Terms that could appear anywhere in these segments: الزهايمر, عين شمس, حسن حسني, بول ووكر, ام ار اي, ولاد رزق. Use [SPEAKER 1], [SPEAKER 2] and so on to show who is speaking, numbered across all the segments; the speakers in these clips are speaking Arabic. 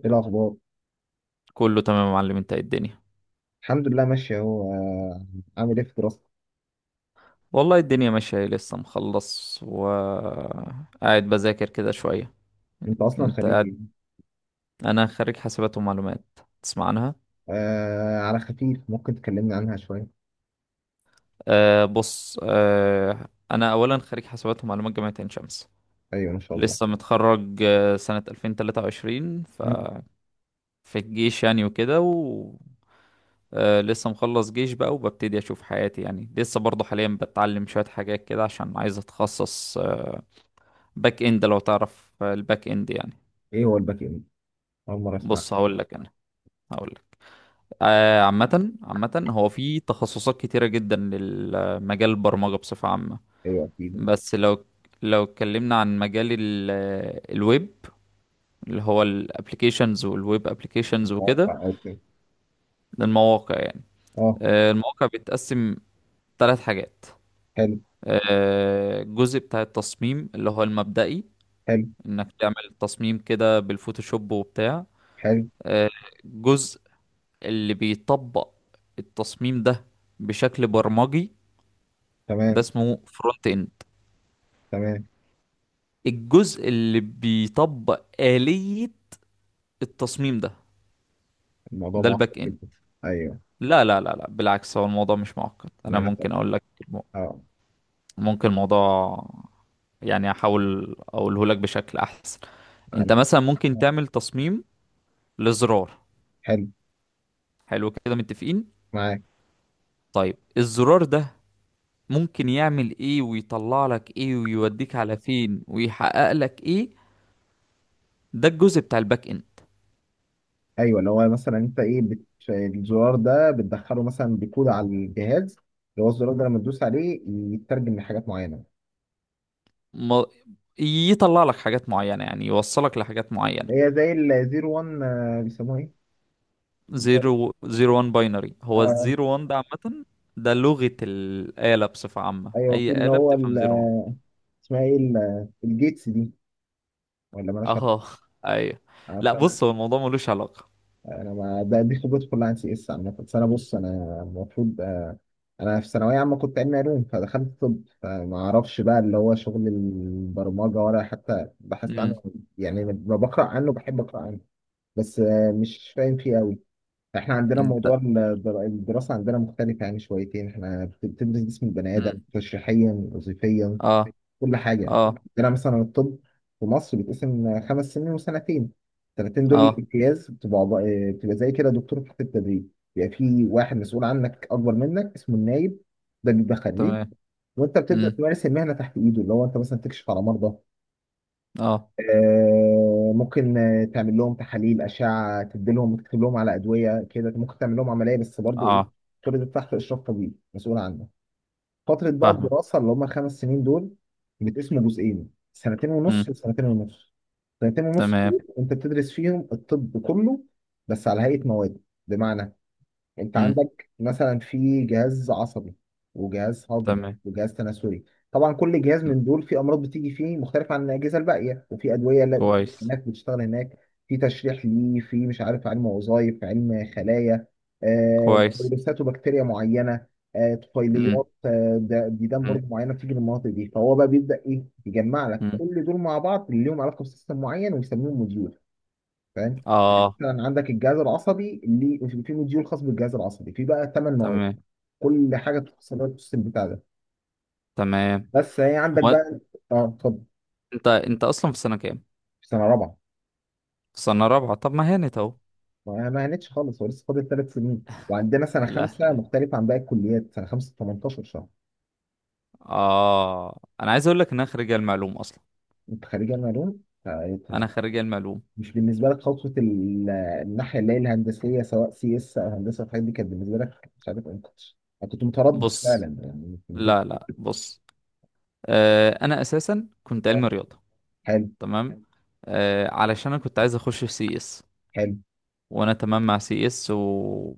[SPEAKER 1] ايه الاخبار؟
[SPEAKER 2] كله تمام يا معلم، انت ايه الدنيا؟
[SPEAKER 1] الحمد لله ماشي اهو. عامل ايه في دراستك؟
[SPEAKER 2] والله الدنيا ماشية ايه، لسه مخلص وقاعد بذاكر كده شوية.
[SPEAKER 1] انت اصلا خريج
[SPEAKER 2] انت
[SPEAKER 1] إيه؟
[SPEAKER 2] انا خريج حاسبات ومعلومات. تسمع عنها؟
[SPEAKER 1] على خفيف، ممكن تكلمني عنها شويه.
[SPEAKER 2] بص، انا اولا خريج حاسبات ومعلومات جامعة عين شمس.
[SPEAKER 1] ايوه ان شاء الله.
[SPEAKER 2] لسه متخرج سنة 2023.
[SPEAKER 1] مم.
[SPEAKER 2] ففي الجيش يعني وكده و لسه مخلص جيش بقى وببتدي اشوف حياتي يعني. لسه برضه حاليا بتعلم شوية حاجات كده عشان عايز اتخصص باك اند، لو تعرف. الباك اند يعني.
[SPEAKER 1] ايه هو الباك اند؟ اول مره اسمع.
[SPEAKER 2] بص هقول لك. عامة هو في تخصصات كتيرة جدا لمجال البرمجة بصفة عامة.
[SPEAKER 1] ايوه اكيد.
[SPEAKER 2] بس لو اتكلمنا عن مجال الويب، اللي هو الابليكيشنز والويب ابليكيشنز وكده.
[SPEAKER 1] مواقع او كده؟
[SPEAKER 2] ده المواقع يعني.
[SPEAKER 1] اه.
[SPEAKER 2] المواقع بتتقسم 3 حاجات.
[SPEAKER 1] حلو.
[SPEAKER 2] الجزء بتاع التصميم اللي هو المبدئي.
[SPEAKER 1] حلو.
[SPEAKER 2] انك تعمل تصميم كده بالفوتوشوب وبتاع.
[SPEAKER 1] حلو.
[SPEAKER 2] آه، الجزء اللي بيطبق التصميم ده بشكل برمجي، ده
[SPEAKER 1] تمام.
[SPEAKER 2] اسمه فرونت اند.
[SPEAKER 1] تمام.
[SPEAKER 2] الجزء اللي بيطبق آلية التصميم ده،
[SPEAKER 1] الموضوع
[SPEAKER 2] ده
[SPEAKER 1] معقد
[SPEAKER 2] الباك اند.
[SPEAKER 1] جدا. ايوه
[SPEAKER 2] لا، لا، لا، لا، بالعكس، هو الموضوع مش معقد.
[SPEAKER 1] ان
[SPEAKER 2] انا
[SPEAKER 1] انا،
[SPEAKER 2] ممكن اقول لك
[SPEAKER 1] اه
[SPEAKER 2] ممكن الموضوع، يعني احاول اقوله لك بشكل احسن. انت
[SPEAKER 1] انا.
[SPEAKER 2] مثلا ممكن تعمل تصميم لزرار.
[SPEAKER 1] حلو.
[SPEAKER 2] حلو كده، متفقين.
[SPEAKER 1] معاك.
[SPEAKER 2] طيب، الزرار ده ممكن يعمل ايه، ويطلع لك ايه، ويوديك على فين، ويحقق لك ايه؟ ده الجزء بتاع الباك اند.
[SPEAKER 1] ايوه اللي هو مثلا انت ايه الزرار ده بتدخله مثلا بكود على الجهاز، اللي هو الزرار ده لما تدوس عليه يترجم لحاجات معينه.
[SPEAKER 2] ما، يطلع لك حاجات معينة، يعني يوصلك لحاجات معينة.
[SPEAKER 1] هي زي الزيرو وان، بيسموها ايه؟ اللي هو-
[SPEAKER 2] زيرو زيرو وان، باينري، هو
[SPEAKER 1] آه
[SPEAKER 2] الزيرو وان ده عامة. ده لغة الآلة بصفة عامة،
[SPEAKER 1] ايوه، في
[SPEAKER 2] أي آلة بتفهم زيرو وان.
[SPEAKER 1] اسمها ايه الجيتس دي ولا مالهاش
[SPEAKER 2] اه.
[SPEAKER 1] علاقة؟
[SPEAKER 2] أيوه.
[SPEAKER 1] أنا بس
[SPEAKER 2] لا،
[SPEAKER 1] انا
[SPEAKER 2] بص، هو الموضوع ملوش علاقة.
[SPEAKER 1] ما ده دي خبرتي كلها عن سي اس عامة، بس انا المفروض. انا في ثانوية عامة كنت علمي علوم، فدخلت طب، فما اعرفش بقى اللي هو شغل البرمجة، ولا حتى بحثت عنه.
[SPEAKER 2] امم.
[SPEAKER 1] يعني لما بقرأ عنه بحب اقرأ عنه، بس مش فاهم فيه قوي. احنا عندنا
[SPEAKER 2] أنت.
[SPEAKER 1] موضوع الدراسة عندنا مختلفة يعني شويتين، احنا بتدرس جسم البني آدم
[SPEAKER 2] امم.
[SPEAKER 1] تشريحيا وظيفيا،
[SPEAKER 2] اه.
[SPEAKER 1] كل حاجة يعني.
[SPEAKER 2] اه.
[SPEAKER 1] عندنا مثلا الطب في مصر بيتقسم خمس سنين وسنتين. السنتين دول
[SPEAKER 2] اه.
[SPEAKER 1] الامتياز بتبقى بتبقى زي كده دكتور تحت التدريب. بيبقى في واحد مسؤول عنك أكبر منك اسمه النايب، ده بيبقى خريج،
[SPEAKER 2] تمام.
[SPEAKER 1] وانت بتبدأ
[SPEAKER 2] امم.
[SPEAKER 1] تمارس المهنة تحت ايده، اللي هو انت مثلا تكشف على مرضى
[SPEAKER 2] اه.
[SPEAKER 1] آه، ممكن تعمل لهم تحاليل أشعة تديلهم، وتكتب لهم على أدوية كده، ممكن تعمل لهم عملية، بس برضو إيه،
[SPEAKER 2] اه.
[SPEAKER 1] كل ده تحت إشراف طبيب مسؤول عنه. فترة بقى
[SPEAKER 2] فاهمة.
[SPEAKER 1] الدراسة اللي هم الخمس سنين دول بتقسموا جزئين، سنتين
[SPEAKER 2] امم.
[SPEAKER 1] ونص وسنتين ونص. سنتين ونص
[SPEAKER 2] تمام.
[SPEAKER 1] دول أنت بتدرس فيهم الطب كله، بس على هيئة مواد. بمعنى، انت
[SPEAKER 2] امم.
[SPEAKER 1] عندك مثلا في جهاز عصبي، وجهاز هضمي،
[SPEAKER 2] تمام.
[SPEAKER 1] وجهاز تناسلي. طبعا كل جهاز من دول في امراض بتيجي فيه مختلفه عن الاجهزه الباقيه، وفي ادويه لا بت-
[SPEAKER 2] كويس.
[SPEAKER 1] هناك بتشتغل هناك، في تشريح ليه، في مش عارف علم وظائف، علم خلايا،
[SPEAKER 2] كويس.
[SPEAKER 1] فيروسات وبكتيريا معينه،
[SPEAKER 2] امم.
[SPEAKER 1] طفيليات، ديدان
[SPEAKER 2] امم.
[SPEAKER 1] برضه معينه بتيجي من المناطق دي، فهو بقى بيبدا ايه، يجمع لك
[SPEAKER 2] أمم.
[SPEAKER 1] كل دول مع بعض اللي لهم علاقه بسيستم معين ويسميهم موديول. فاهم؟ مم.
[SPEAKER 2] اه.
[SPEAKER 1] مثلا عندك الجهاز العصبي اللي في مديول خاص بالجهاز العصبي، في بقى ثمان مواد،
[SPEAKER 2] تمام.
[SPEAKER 1] كل حاجه تخص لك السيستم بتاع ده،
[SPEAKER 2] تمام.
[SPEAKER 1] بس هي عندك
[SPEAKER 2] هو،
[SPEAKER 1] بقى. اه اتفضل.
[SPEAKER 2] انت اصلا في سنه كام؟
[SPEAKER 1] في سنه رابعه.
[SPEAKER 2] في سنه رابعه؟ طب ما هانت اهو.
[SPEAKER 1] ما هنتش خالص، هو لسه فاضل ثلاث سنين، وعندنا سنه خمسه
[SPEAKER 2] الاهل.
[SPEAKER 1] مختلف عن باقي الكليات، سنه خمسه 18 شهر.
[SPEAKER 2] اه، انا عايز اقول لك ان انا خريج المعلوم اصلا.
[SPEAKER 1] انت خريج علم علوم، فأنت
[SPEAKER 2] انا خريج المعلوم.
[SPEAKER 1] مش بالنسبه لك خطوه الناحيه اللي هي الهندسيه، سواء سي اس او هندسه، الحاجات دي كانت بالنسبه لك مش عارف انت. انا كنت متردد
[SPEAKER 2] بص،
[SPEAKER 1] فعلا يعني
[SPEAKER 2] لا، لا، بص، انا اساسا كنت
[SPEAKER 1] آه،
[SPEAKER 2] علم رياضه.
[SPEAKER 1] حلو.
[SPEAKER 2] تمام. علشان انا كنت عايز اخش في سي اس.
[SPEAKER 1] حلو.
[SPEAKER 2] وانا تمام مع سي اس،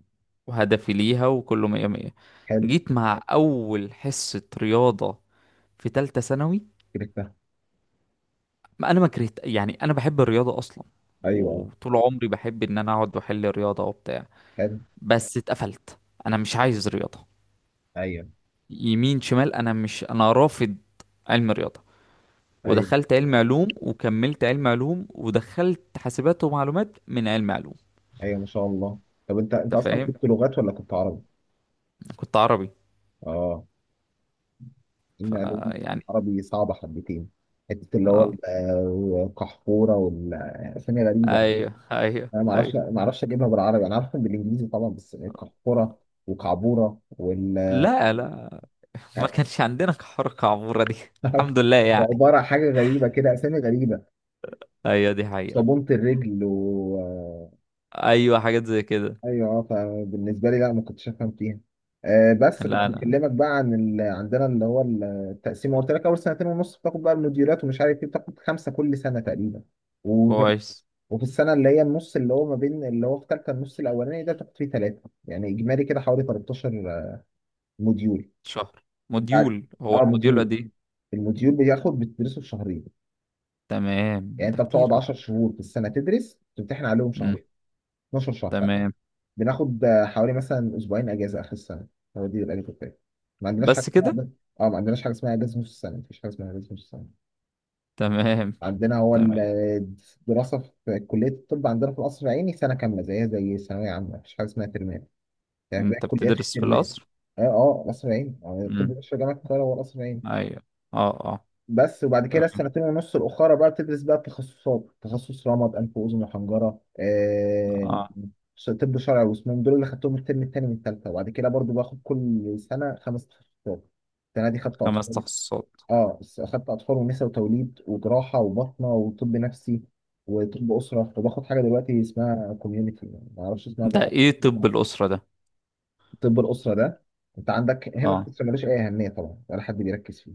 [SPEAKER 2] وهدفي ليها، وكله مية مية.
[SPEAKER 1] حلو
[SPEAKER 2] جيت مع اول حصه رياضه في تالتة ثانوي.
[SPEAKER 1] كده.
[SPEAKER 2] ما انا ما كرهت يعني، انا بحب الرياضه اصلا.
[SPEAKER 1] ايوه.
[SPEAKER 2] وطول عمري بحب ان انا اقعد واحل رياضه وبتاع.
[SPEAKER 1] حلو.
[SPEAKER 2] بس اتقفلت. انا مش عايز رياضه
[SPEAKER 1] ايوه،
[SPEAKER 2] يمين شمال. انا مش انا رافض علم رياضه.
[SPEAKER 1] ايوه،
[SPEAKER 2] ودخلت علم علوم، وكملت علم علوم، ودخلت حاسبات ومعلومات من علم علوم.
[SPEAKER 1] ايوه، ما شاء الله. طب انت انت
[SPEAKER 2] انت
[SPEAKER 1] اصلا
[SPEAKER 2] فاهم؟
[SPEAKER 1] كنت لغات ولا كنت عربي؟
[SPEAKER 2] كنت عربي.
[SPEAKER 1] اه. ان علوم
[SPEAKER 2] فيعني،
[SPEAKER 1] عربي صعبه حبتين. حته اللي هو
[SPEAKER 2] اه.
[SPEAKER 1] القحفوره، والاسامي غريبه.
[SPEAKER 2] ايوه، ايوه،
[SPEAKER 1] انا ما اعرفش
[SPEAKER 2] ايوه.
[SPEAKER 1] ما اعرفش اجيبها بالعربي، انا عارفها بالانجليزي طبعا، بس القحفوره، وكعبوره، وال
[SPEAKER 2] لا، لا، ما كانش عندنا حركه عموره دي. الحمد لله يعني.
[SPEAKER 1] وعباره عن حاجه غريبه كده، اسامي غريبه،
[SPEAKER 2] ايوه، دي حقيقه.
[SPEAKER 1] صابونه الرجل و...
[SPEAKER 2] ايوه، حاجات زي كده.
[SPEAKER 1] ايوه اه فبالنسبه لي لا، ما كنتش افهم فيها. بس كنت
[SPEAKER 2] لا، انا
[SPEAKER 1] بكلمك بقى عن ال... عندنا اللي هو التقسيم، قلت لك اول سنتين ونص بتاخد بقى المديرات ومش عارف ايه، بتاخد خمسه كل سنه تقريبا. وفي...
[SPEAKER 2] كويس.
[SPEAKER 1] وفي السنه اللي هي النص، اللي هو ما بين اللي هو في ثالثه، النص الاولاني ده بتاخد فيه ثلاثه، يعني اجمالي كده حوالي 13 موديول.
[SPEAKER 2] شهر.
[SPEAKER 1] يعني-
[SPEAKER 2] موديول. هو
[SPEAKER 1] اه
[SPEAKER 2] الموديول
[SPEAKER 1] موديول،
[SPEAKER 2] قد ايه؟
[SPEAKER 1] الموديول بياخد بتدرسه في شهرين.
[SPEAKER 2] تمام،
[SPEAKER 1] يعني
[SPEAKER 2] ده
[SPEAKER 1] انت بتقعد
[SPEAKER 2] كتير قوي.
[SPEAKER 1] 10 شهور في السنه تدرس، تمتحن عليهم شهر، 12 شهر.
[SPEAKER 2] تمام
[SPEAKER 1] بناخد حوالي مثلا اسبوعين اجازه اخر السنه، هو دي الاجازه بتاعتنا. ما عندناش حاجه
[SPEAKER 2] بس
[SPEAKER 1] اسمها
[SPEAKER 2] كده.
[SPEAKER 1] ما عندناش حاجه اسمها اجازه نص السنه، مفيش حاجه اسمها اجازه نص السنه.
[SPEAKER 2] تمام،
[SPEAKER 1] عندنا هو
[SPEAKER 2] تمام.
[SPEAKER 1] الدراسه في كليه الطب عندنا في القصر العيني سنه كامله زيها زي ثانويه عامه، مفيش حاجه اسمها ترمام، يعني باقي
[SPEAKER 2] انت
[SPEAKER 1] الكليات في
[SPEAKER 2] بتدرس في
[SPEAKER 1] ترمام.
[SPEAKER 2] القصر؟
[SPEAKER 1] اه اه القصر العيني يعني الطب
[SPEAKER 2] امم.
[SPEAKER 1] بشري جامعه القاهره هو القصر العيني.
[SPEAKER 2] ايوه. اه. اه.
[SPEAKER 1] بس، وبعد كده
[SPEAKER 2] تمام.
[SPEAKER 1] السنتين ونص الاخرى بقى بتدرس بقى التخصصات، تخصص رمد، انف واذن وحنجره،
[SPEAKER 2] اه.
[SPEAKER 1] طب شرعي، واسنان، دول اللي خدتهم الترم التاني من التالتة. وبعد كده برضو باخد كل سنه خمس تخصصات. السنه دي خدت
[SPEAKER 2] خمس
[SPEAKER 1] اطفال،
[SPEAKER 2] تخصصات
[SPEAKER 1] خدت اطفال، ونساء وتوليد، وجراحه، وبطنه، وطب نفسي، وطب اسره، وباخد حاجه دلوقتي اسمها كوميونتي، ما اعرفش اسمها.
[SPEAKER 2] ده ايه طب الأسرة ده؟
[SPEAKER 1] طب الاسره ده انت عندك هنا في
[SPEAKER 2] اه.
[SPEAKER 1] مصر ملوش اي اهميه طبعا، ولا حد بيركز فيه،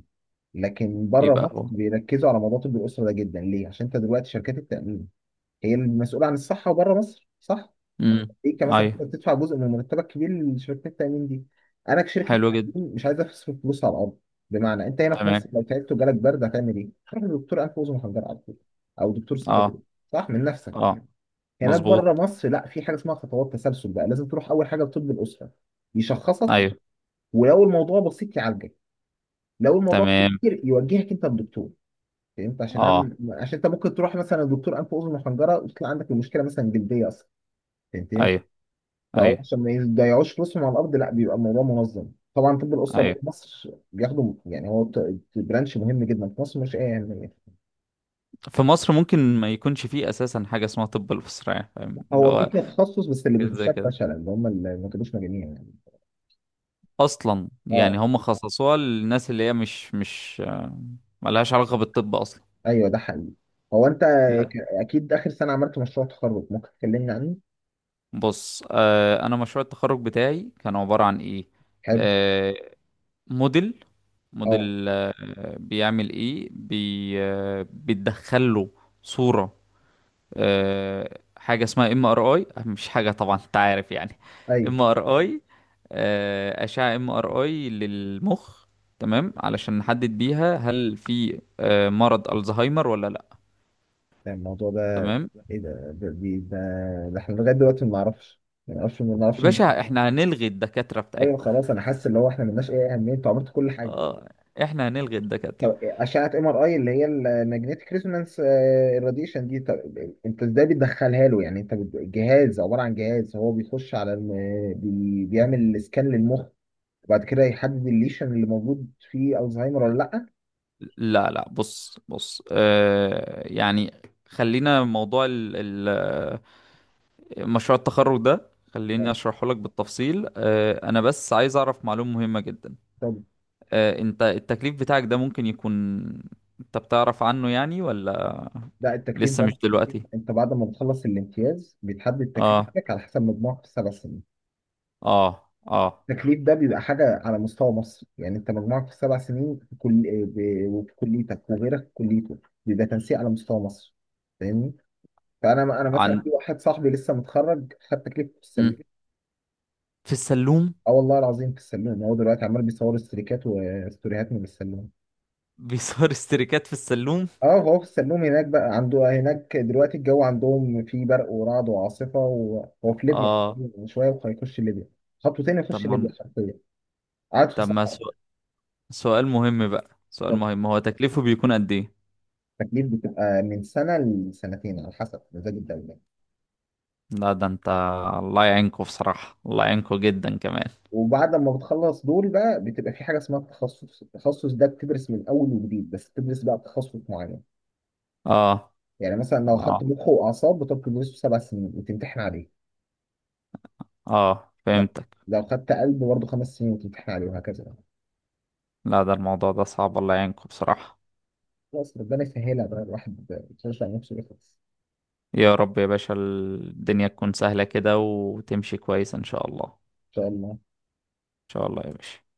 [SPEAKER 1] لكن بره
[SPEAKER 2] يبقى
[SPEAKER 1] مصر
[SPEAKER 2] هو.
[SPEAKER 1] بيركزوا على موضوع طب الاسره ده جدا. ليه؟ عشان انت دلوقتي شركات التامين هي المسؤوله عن الصحه بره مصر، صح؟
[SPEAKER 2] امم.
[SPEAKER 1] انت مثلا انت
[SPEAKER 2] ايوه.
[SPEAKER 1] بتدفع جزء من مرتبك كبير لشركات التامين دي. انا كشركه
[SPEAKER 2] حلو جدا.
[SPEAKER 1] تأمين مش عايز اصرف فلوس على الارض. بمعنى، انت هنا في مصر
[SPEAKER 2] تمام.
[SPEAKER 1] لو تعبت وجالك برد، هتعمل ايه؟ تروح لدكتور انف واذن وحنجره على طول، او دكتور
[SPEAKER 2] اه.
[SPEAKER 1] صيدلي، صح، من نفسك.
[SPEAKER 2] اه.
[SPEAKER 1] هناك بره
[SPEAKER 2] مظبوط.
[SPEAKER 1] مصر لا، في حاجه اسمها خطوات تسلسل بقى، لازم تروح اول حاجه لطب الاسره، يشخصك،
[SPEAKER 2] ايوه.
[SPEAKER 1] ولو الموضوع بسيط يعالجك، لو الموضوع
[SPEAKER 2] تمام.
[SPEAKER 1] كتير يوجهك انت للدكتور. فهمت؟
[SPEAKER 2] اه.
[SPEAKER 1] عشان انت ممكن تروح مثلا لدكتور انف واذن وحنجره، وتطلع عندك المشكله مثلا جلديه اصلا. فهمتني؟
[SPEAKER 2] ايوه،
[SPEAKER 1] فهو
[SPEAKER 2] ايوه،
[SPEAKER 1] عشان ما يضيعوش فلوسهم على الارض، لا بيبقى الموضوع منظم. طبعا طب الاسره بقى
[SPEAKER 2] ايوه.
[SPEAKER 1] في مصر بياخدوا، يعني برانش مهم جدا في مصر، مش ايه يعني.
[SPEAKER 2] في مصر ممكن ما يكونش فيه اساسا حاجة اسمها طب الأسرة يعني. فاهم اللي
[SPEAKER 1] هو في
[SPEAKER 2] هو؟
[SPEAKER 1] كده تخصص، بس اللي
[SPEAKER 2] حاجات زي
[SPEAKER 1] بيخشها
[SPEAKER 2] كده،
[SPEAKER 1] فشله، اللي هم اللي ما كانوش مجانين يعني.
[SPEAKER 2] اصلا يعني.
[SPEAKER 1] اه
[SPEAKER 2] هم خصصوها للناس اللي هي مش ملهاش علاقة بالطب اصلا.
[SPEAKER 1] ايوه ده حقيقي. هو انت
[SPEAKER 2] لا،
[SPEAKER 1] اكيد اخر سنه عملت مشروع تخرج، ممكن تكلمني عنه؟
[SPEAKER 2] بص، انا مشروع التخرج بتاعي كان عبارة عن ايه.
[SPEAKER 1] حلو.
[SPEAKER 2] آه موديل
[SPEAKER 1] اه
[SPEAKER 2] موديل بيعمل ايه. بي آه بتدخل له صورة. حاجة اسمها MRI. مش حاجة طبعا، انت عارف يعني.
[SPEAKER 1] ايوه.
[SPEAKER 2] MRI، أشعة MRI للمخ. تمام، علشان نحدد بيها هل في مرض الزهايمر ولا لا.
[SPEAKER 1] يعني الموضوع ده
[SPEAKER 2] تمام
[SPEAKER 1] ايه ده، ده احنا لغايه دلوقتي ما نعرفش، ما نعرفش ما
[SPEAKER 2] يا
[SPEAKER 1] نعرفش
[SPEAKER 2] باشا، احنا هنلغي الدكاترة
[SPEAKER 1] ايوه
[SPEAKER 2] بتاعتكم.
[SPEAKER 1] خلاص، انا حاسس اللي هو احنا ملناش اي اهميه، انتوا عملتوا كل حاجه.
[SPEAKER 2] اه. احنا هنلغي الدكاترة.
[SPEAKER 1] طب اشعه ام ار اي، اللي هي الماجنتيك ريزونانس الراديشن دي، طب انت ازاي بتدخلها له؟ يعني انت جهاز، عباره عن جهاز، هو بيخش على بيعمل سكان للمخ، وبعد كده يحدد الليشن اللي موجود فيه الزهايمر ولا لا.
[SPEAKER 2] لا، لا، بص، بص، يعني خلينا موضوع ال مشروع التخرج ده، خليني
[SPEAKER 1] آه.
[SPEAKER 2] اشرحه لك بالتفصيل. انا بس عايز اعرف معلومة مهمة جدا.
[SPEAKER 1] طب
[SPEAKER 2] انت التكليف بتاعك ده ممكن يكون، انت بتعرف عنه يعني، ولا
[SPEAKER 1] ده التكليف
[SPEAKER 2] لسه
[SPEAKER 1] ده،
[SPEAKER 2] مش دلوقتي؟
[SPEAKER 1] انت بعد ما بتخلص الامتياز بيتحدد
[SPEAKER 2] اه.
[SPEAKER 1] تكليفك على حسب مجموعك في السبع سنين.
[SPEAKER 2] اه. اه.
[SPEAKER 1] التكليف ده بيبقى حاجة على مستوى مصر، يعني انت مجموعك في السبع سنين في كل وفي كليتك وغيرك في كليته، بيبقى تنسيق على مستوى مصر. فاهمني؟ فانا مثلا في
[SPEAKER 2] عن.
[SPEAKER 1] واحد صاحبي لسه متخرج خد تكليف في السلوم.
[SPEAKER 2] مم. في السلوم.
[SPEAKER 1] اه والله العظيم في السلوم، هو دلوقتي عمال بيصور استريكات وستوريهات من السلوم.
[SPEAKER 2] بيصور استريكات في السلوم.
[SPEAKER 1] اه هو في السلوم هناك بقى، عنده هناك دلوقتي الجو عندهم فيه برق ورعد وعاصفة، وهو في ليبيا
[SPEAKER 2] اه.
[SPEAKER 1] شوية وهيخش ليبيا، خطوتين
[SPEAKER 2] طب
[SPEAKER 1] يخش
[SPEAKER 2] ما
[SPEAKER 1] ليبيا حرفيا، قاعد في
[SPEAKER 2] طب ما
[SPEAKER 1] الصحراء.
[SPEAKER 2] سؤال مهم بقى، سؤال مهم، هو تكليفه بيكون قد ايه؟
[SPEAKER 1] التكليف بتبقى من سنة لسنتين على حسب مزاج الدولة.
[SPEAKER 2] لا ده انت. الله يعينكوا بصراحة، الله يعينكوا جدا كمان.
[SPEAKER 1] وبعد ما بتخلص دول بقى بتبقى في حاجة اسمها التخصص. التخصص ده بتدرس من أول وجديد، بس بتدرس بقى تخصص معين.
[SPEAKER 2] اه.
[SPEAKER 1] يعني مثلا لو خدت
[SPEAKER 2] اه.
[SPEAKER 1] مخ وأعصاب بتقعد تدرسه سبع سنين وتمتحن عليه.
[SPEAKER 2] اه.
[SPEAKER 1] لا،
[SPEAKER 2] فهمتك.
[SPEAKER 1] لو خدت قلب برضه خمس سنين وتمتحن عليه، وهكذا.
[SPEAKER 2] لا، ده الموضوع ده صعب. الله يعينكوا بصراحة.
[SPEAKER 1] خلاص ربنا يسهلها بقى، الواحد يشجع نفسه يخلص
[SPEAKER 2] يا رب يا باشا، الدنيا تكون سهلة كده وتمشي كويس ان شاء الله. ان
[SPEAKER 1] إن شاء الله.
[SPEAKER 2] شاء الله يا باشا.